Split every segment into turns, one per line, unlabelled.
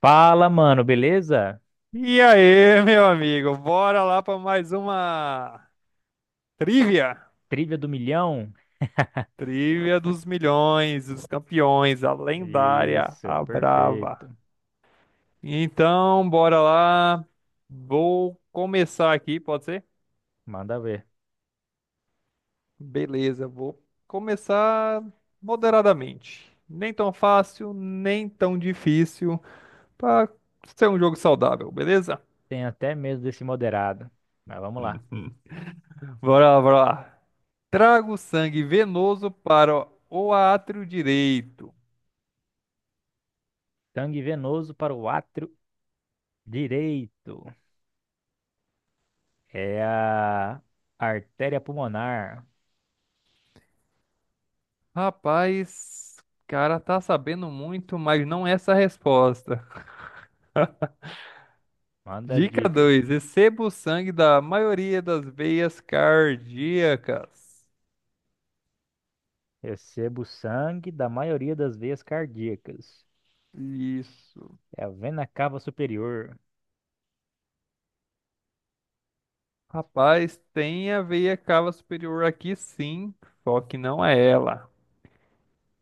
Fala, mano, beleza?
E aí, meu amigo, bora lá para mais uma trivia.
Trivia do milhão?
Trivia dos milhões, dos campeões, a lendária,
Isso,
a
perfeito.
brava. Então, bora lá. Vou começar aqui, pode ser?
Manda ver.
Beleza, vou começar moderadamente. Nem tão fácil, nem tão difícil, para ser um jogo saudável, beleza?
Tem até medo desse moderado. Mas vamos lá.
Bora lá, bora lá. Traga o sangue venoso para o átrio direito.
Sangue venoso para o átrio direito. É a artéria pulmonar.
Rapaz, cara tá sabendo muito, mas não é essa resposta.
Manda as
Dica
dicas.
2: receba o sangue da maioria das veias cardíacas.
Recebo sangue da maioria das veias cardíacas.
Isso.
É a vena cava superior.
Rapaz, tem a veia cava superior aqui sim, só que não é ela.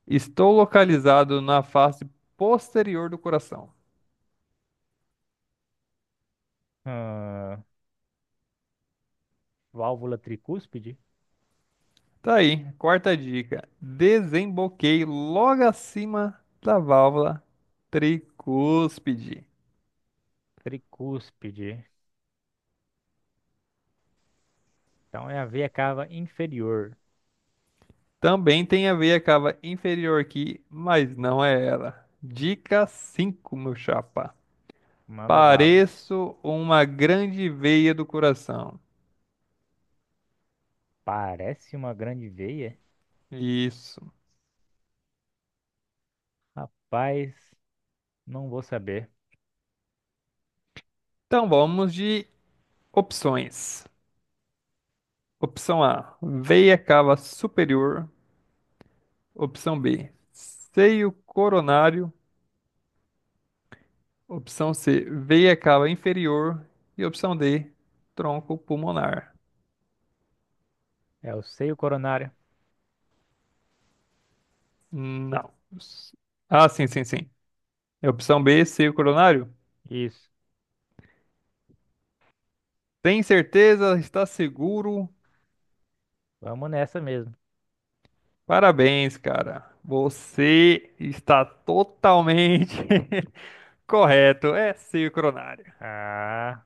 Estou localizado na face posterior do coração.
Ah, válvula tricúspide?
Tá aí, quarta dica. Desemboquei logo acima da válvula tricúspide.
Tricúspide. Então é a veia cava inferior.
Também tem a veia cava inferior aqui, mas não é ela. Dica 5, meu chapa.
Manda bala.
Pareço uma grande veia do coração.
Parece uma grande veia?
Isso.
Rapaz, não vou saber.
Então vamos de opções. Opção A, veia cava superior. Opção B, seio coronário. Opção C, veia cava inferior. E opção D, tronco pulmonar.
É o seio coronário.
Não. Ah, sim, sim, sim. É opção B, seio coronário?
Isso.
Tem certeza? Está seguro?
Vamos nessa mesmo.
Parabéns, cara. Você está totalmente correto. É sincronária.
Ah,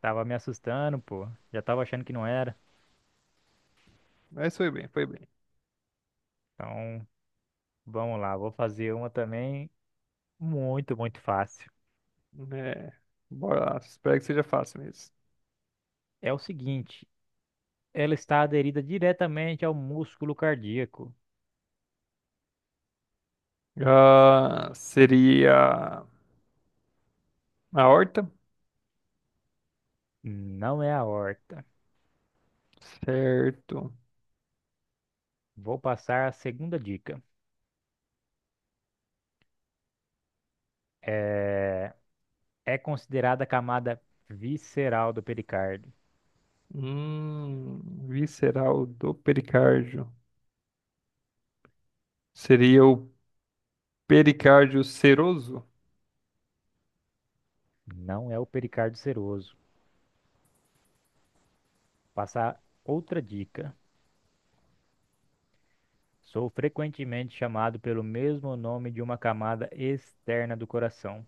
tava me assustando, pô. Já tava achando que não era.
Mas foi bem, foi bem.
Então, vamos lá. Vou fazer uma também muito, muito fácil.
É, bora lá. Espero que seja fácil mesmo.
É o seguinte, ela está aderida diretamente ao músculo cardíaco.
Ah, seria a horta?
Não é a aorta.
Certo.
Vou passar a segunda dica. É, é considerada a camada visceral do pericárdio.
Visceral do pericárdio. Seria o pericárdio seroso?
Não é o pericárdio seroso. Passar outra dica. Sou frequentemente chamado pelo mesmo nome de uma camada externa do coração.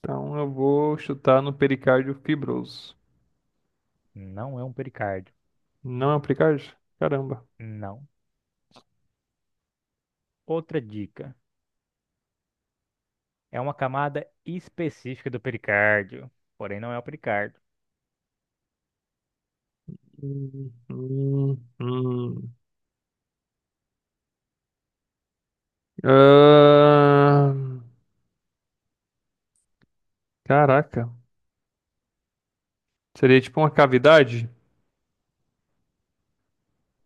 Então eu vou chutar no pericárdio fibroso.
Não é um pericárdio.
Não é o pericárdio? Caramba.
Não. Outra dica. É uma camada específica do pericárdio, porém não é o pericárdio.
Hum, hum, hum. Ah, caraca. Seria tipo uma cavidade?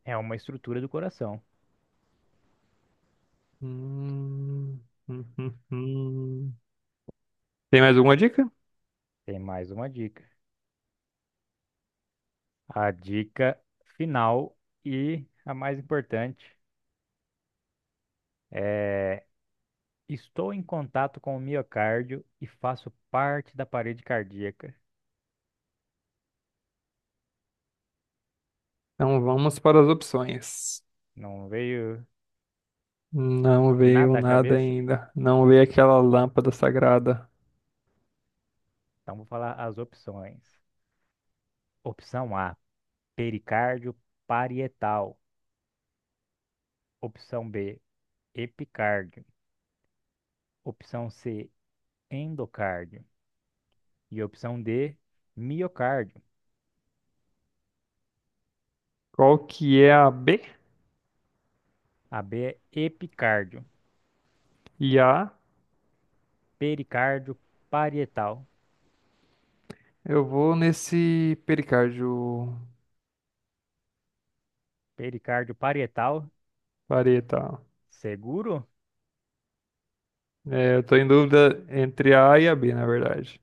É uma estrutura do coração.
Hum, hum, hum, hum. Tem mais alguma dica?
Tem mais uma dica. A dica final e a mais importante é: estou em contato com o miocárdio e faço parte da parede cardíaca.
Então vamos para as opções.
Não veio
Não veio
nada à
nada
cabeça?
ainda. Não veio aquela lâmpada sagrada.
Então vou falar as opções. Opção A, pericárdio parietal. Opção B, epicárdio. Opção C, endocárdio. E opção D, miocárdio.
Qual que é a B?
A B é epicárdio,
E a?
pericárdio parietal.
Eu vou nesse pericárdio
Pericárdio parietal,
vareta.
seguro?
É, eu tô em dúvida entre a A e a B, na verdade.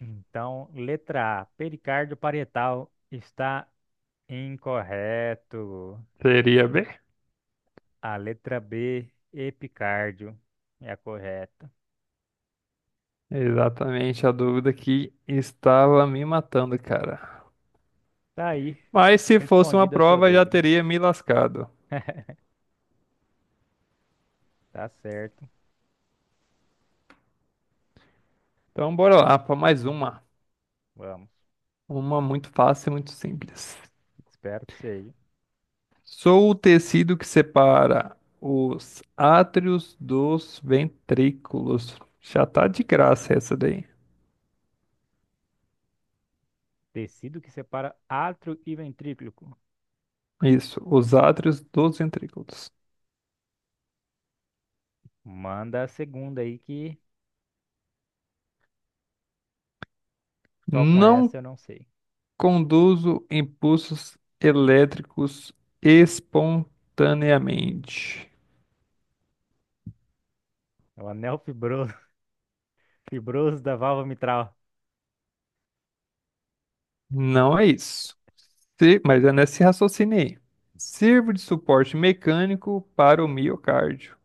Então, letra A, pericárdio parietal está incorreto.
Seria a B?
A letra B, epicárdio, é a correta.
Exatamente a dúvida que estava me matando, cara.
Tá aí,
Mas se fosse uma
respondida a sua
prova, já
dúvida.
teria me lascado.
Tá certo,
Então, bora lá para mais uma.
vamos.
Uma muito fácil e muito simples.
Espero que seja.
Sou o tecido que separa os átrios dos ventrículos. Já tá de graça essa daí.
Tecido que separa átrio e ventrículo.
Isso, os átrios dos ventrículos.
Manda a segunda aí que só com essa
Não
eu não sei.
conduzo impulsos elétricos espontaneamente.
É o anel fibroso, fibroso da válvula mitral.
Não é isso. Se- mas é nesse raciocínio aí. Sirvo de suporte mecânico para o miocárdio.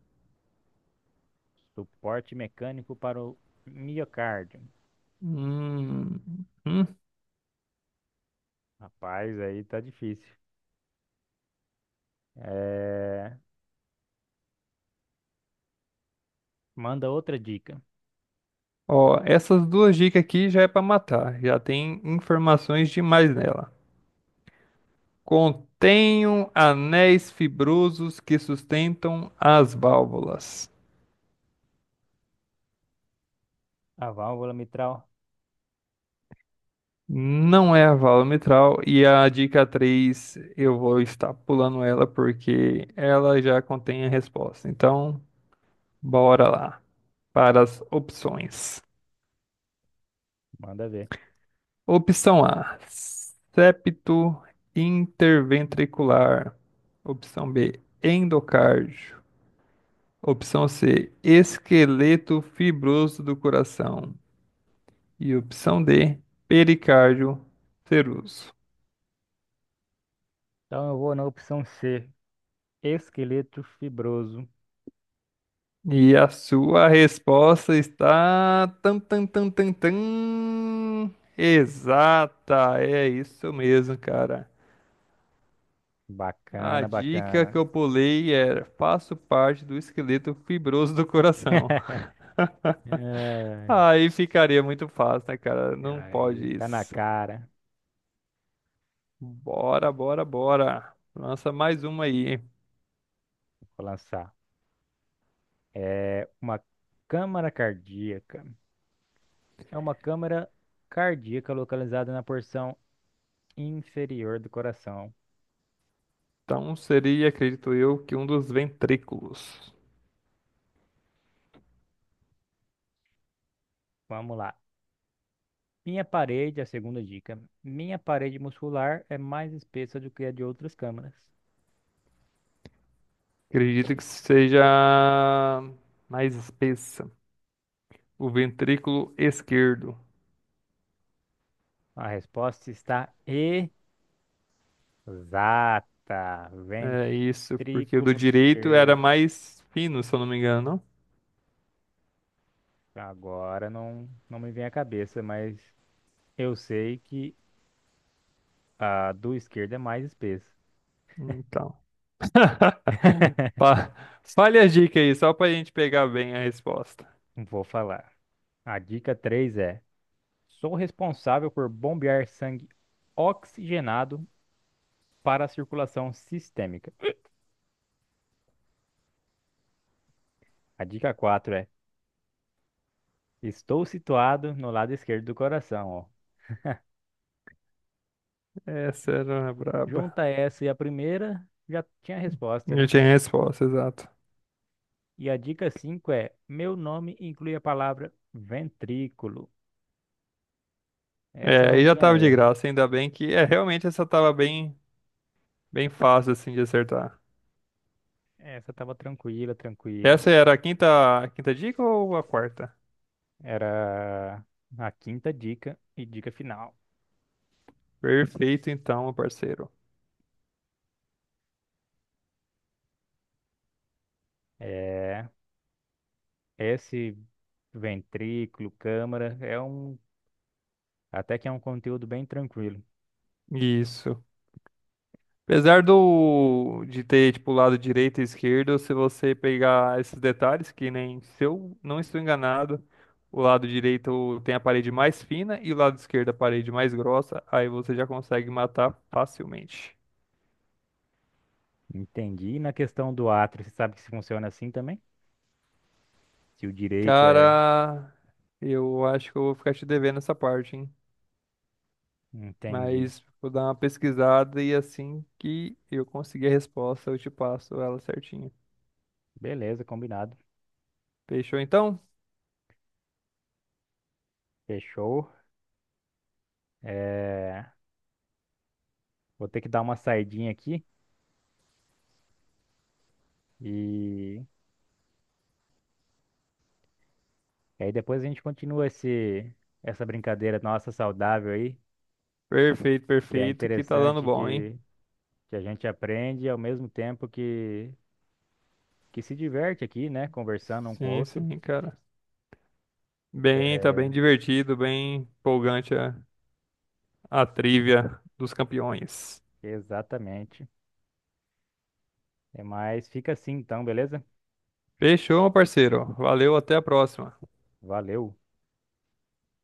Suporte mecânico para o miocárdio.
Hum, hum.
Rapaz, aí tá difícil. É, manda outra dica.
Ó, essas duas dicas aqui já é para matar. Já tem informações demais nela. Contenho anéis fibrosos que sustentam as válvulas.
A válvula mitral,
Não é a válvula mitral. E a dica 3 eu vou estar pulando ela porque ela já contém a resposta. Então, bora lá para as opções.
manda ver.
Opção A, septo interventricular. Opção B, endocárdio. Opção C, esqueleto fibroso do coração. E opção D, pericárdio seroso.
Então eu vou na opção C. Esqueleto fibroso.
E a sua resposta está tan tan tan tan tan exata. É isso mesmo, cara. A
Bacana,
dica
bacana.
que eu pulei era: faço parte do esqueleto fibroso do coração.
Ai,
Aí ficaria muito fácil, né, cara? Não
aí
pode
tá na
isso.
cara.
Bora, bora, bora. Lança mais uma aí.
Vou lançar. É uma câmara cardíaca. É uma câmara cardíaca localizada na porção inferior do coração.
Então seria, acredito eu, que um dos ventrículos.
Vamos lá. Minha parede, a segunda dica. Minha parede muscular é mais espessa do que a de outras câmaras.
Acredito que seja mais espessa. O ventrículo esquerdo.
A resposta está exata.
É isso, porque o do
Ventrículo
direito era
esquerdo.
mais fino, se eu não me engano.
Agora não, não me vem à cabeça, mas eu sei que a do esquerdo é mais espessa.
Não? Então. Fa- Fale a dica aí, só pra gente pegar bem a resposta.
Vou falar. A dica 3 é: sou responsável por bombear sangue oxigenado para a circulação sistêmica. A dica 4 é: estou situado no lado esquerdo do coração, ó.
Essa era uma braba.
Junta essa e a primeira, já tinha a resposta,
Eu
né?
tinha a resposta, exato.
E a dica 5 é: meu nome inclui a palavra ventrículo. Essa
É,
não
aí já
tinha
tava de
erro.
graça, ainda bem que é, realmente essa tava bem, bem fácil assim de acertar.
Essa tava tranquila, tranquila.
Essa era a quinta dica ou a quarta?
Era a quinta dica e dica final.
Perfeito então, meu parceiro.
É, esse ventrículo, câmara, é um, até que é um conteúdo bem tranquilo.
Isso. Apesar do de ter tipo lado direito e esquerdo, se você pegar esses detalhes, que nem se eu não estou enganado, o lado direito tem a parede mais fina e o lado esquerdo a parede mais grossa, aí você já consegue matar facilmente.
Entendi. E na questão do átrio, você sabe que se funciona assim também? Se o direito é.
Cara, eu acho que eu vou ficar te devendo essa parte, hein?
Entendi.
Mas vou dar uma pesquisada e assim que eu conseguir a resposta, eu te passo ela certinho.
Beleza, combinado.
Fechou então?
Fechou. É, vou ter que dar uma saidinha aqui e, e aí depois a gente continua esse, essa brincadeira nossa saudável aí,
Perfeito,
que é
perfeito, que tá dando
interessante
bom, hein?
que a gente aprende ao mesmo tempo que se diverte aqui, né? Conversando um com o
Sim,
outro.
sim, cara. Bem, tá
É,
bem divertido, bem empolgante a trivia dos campeões.
exatamente. É, mas fica assim então, beleza?
Fechou, meu parceiro. Valeu, até a próxima.
Valeu.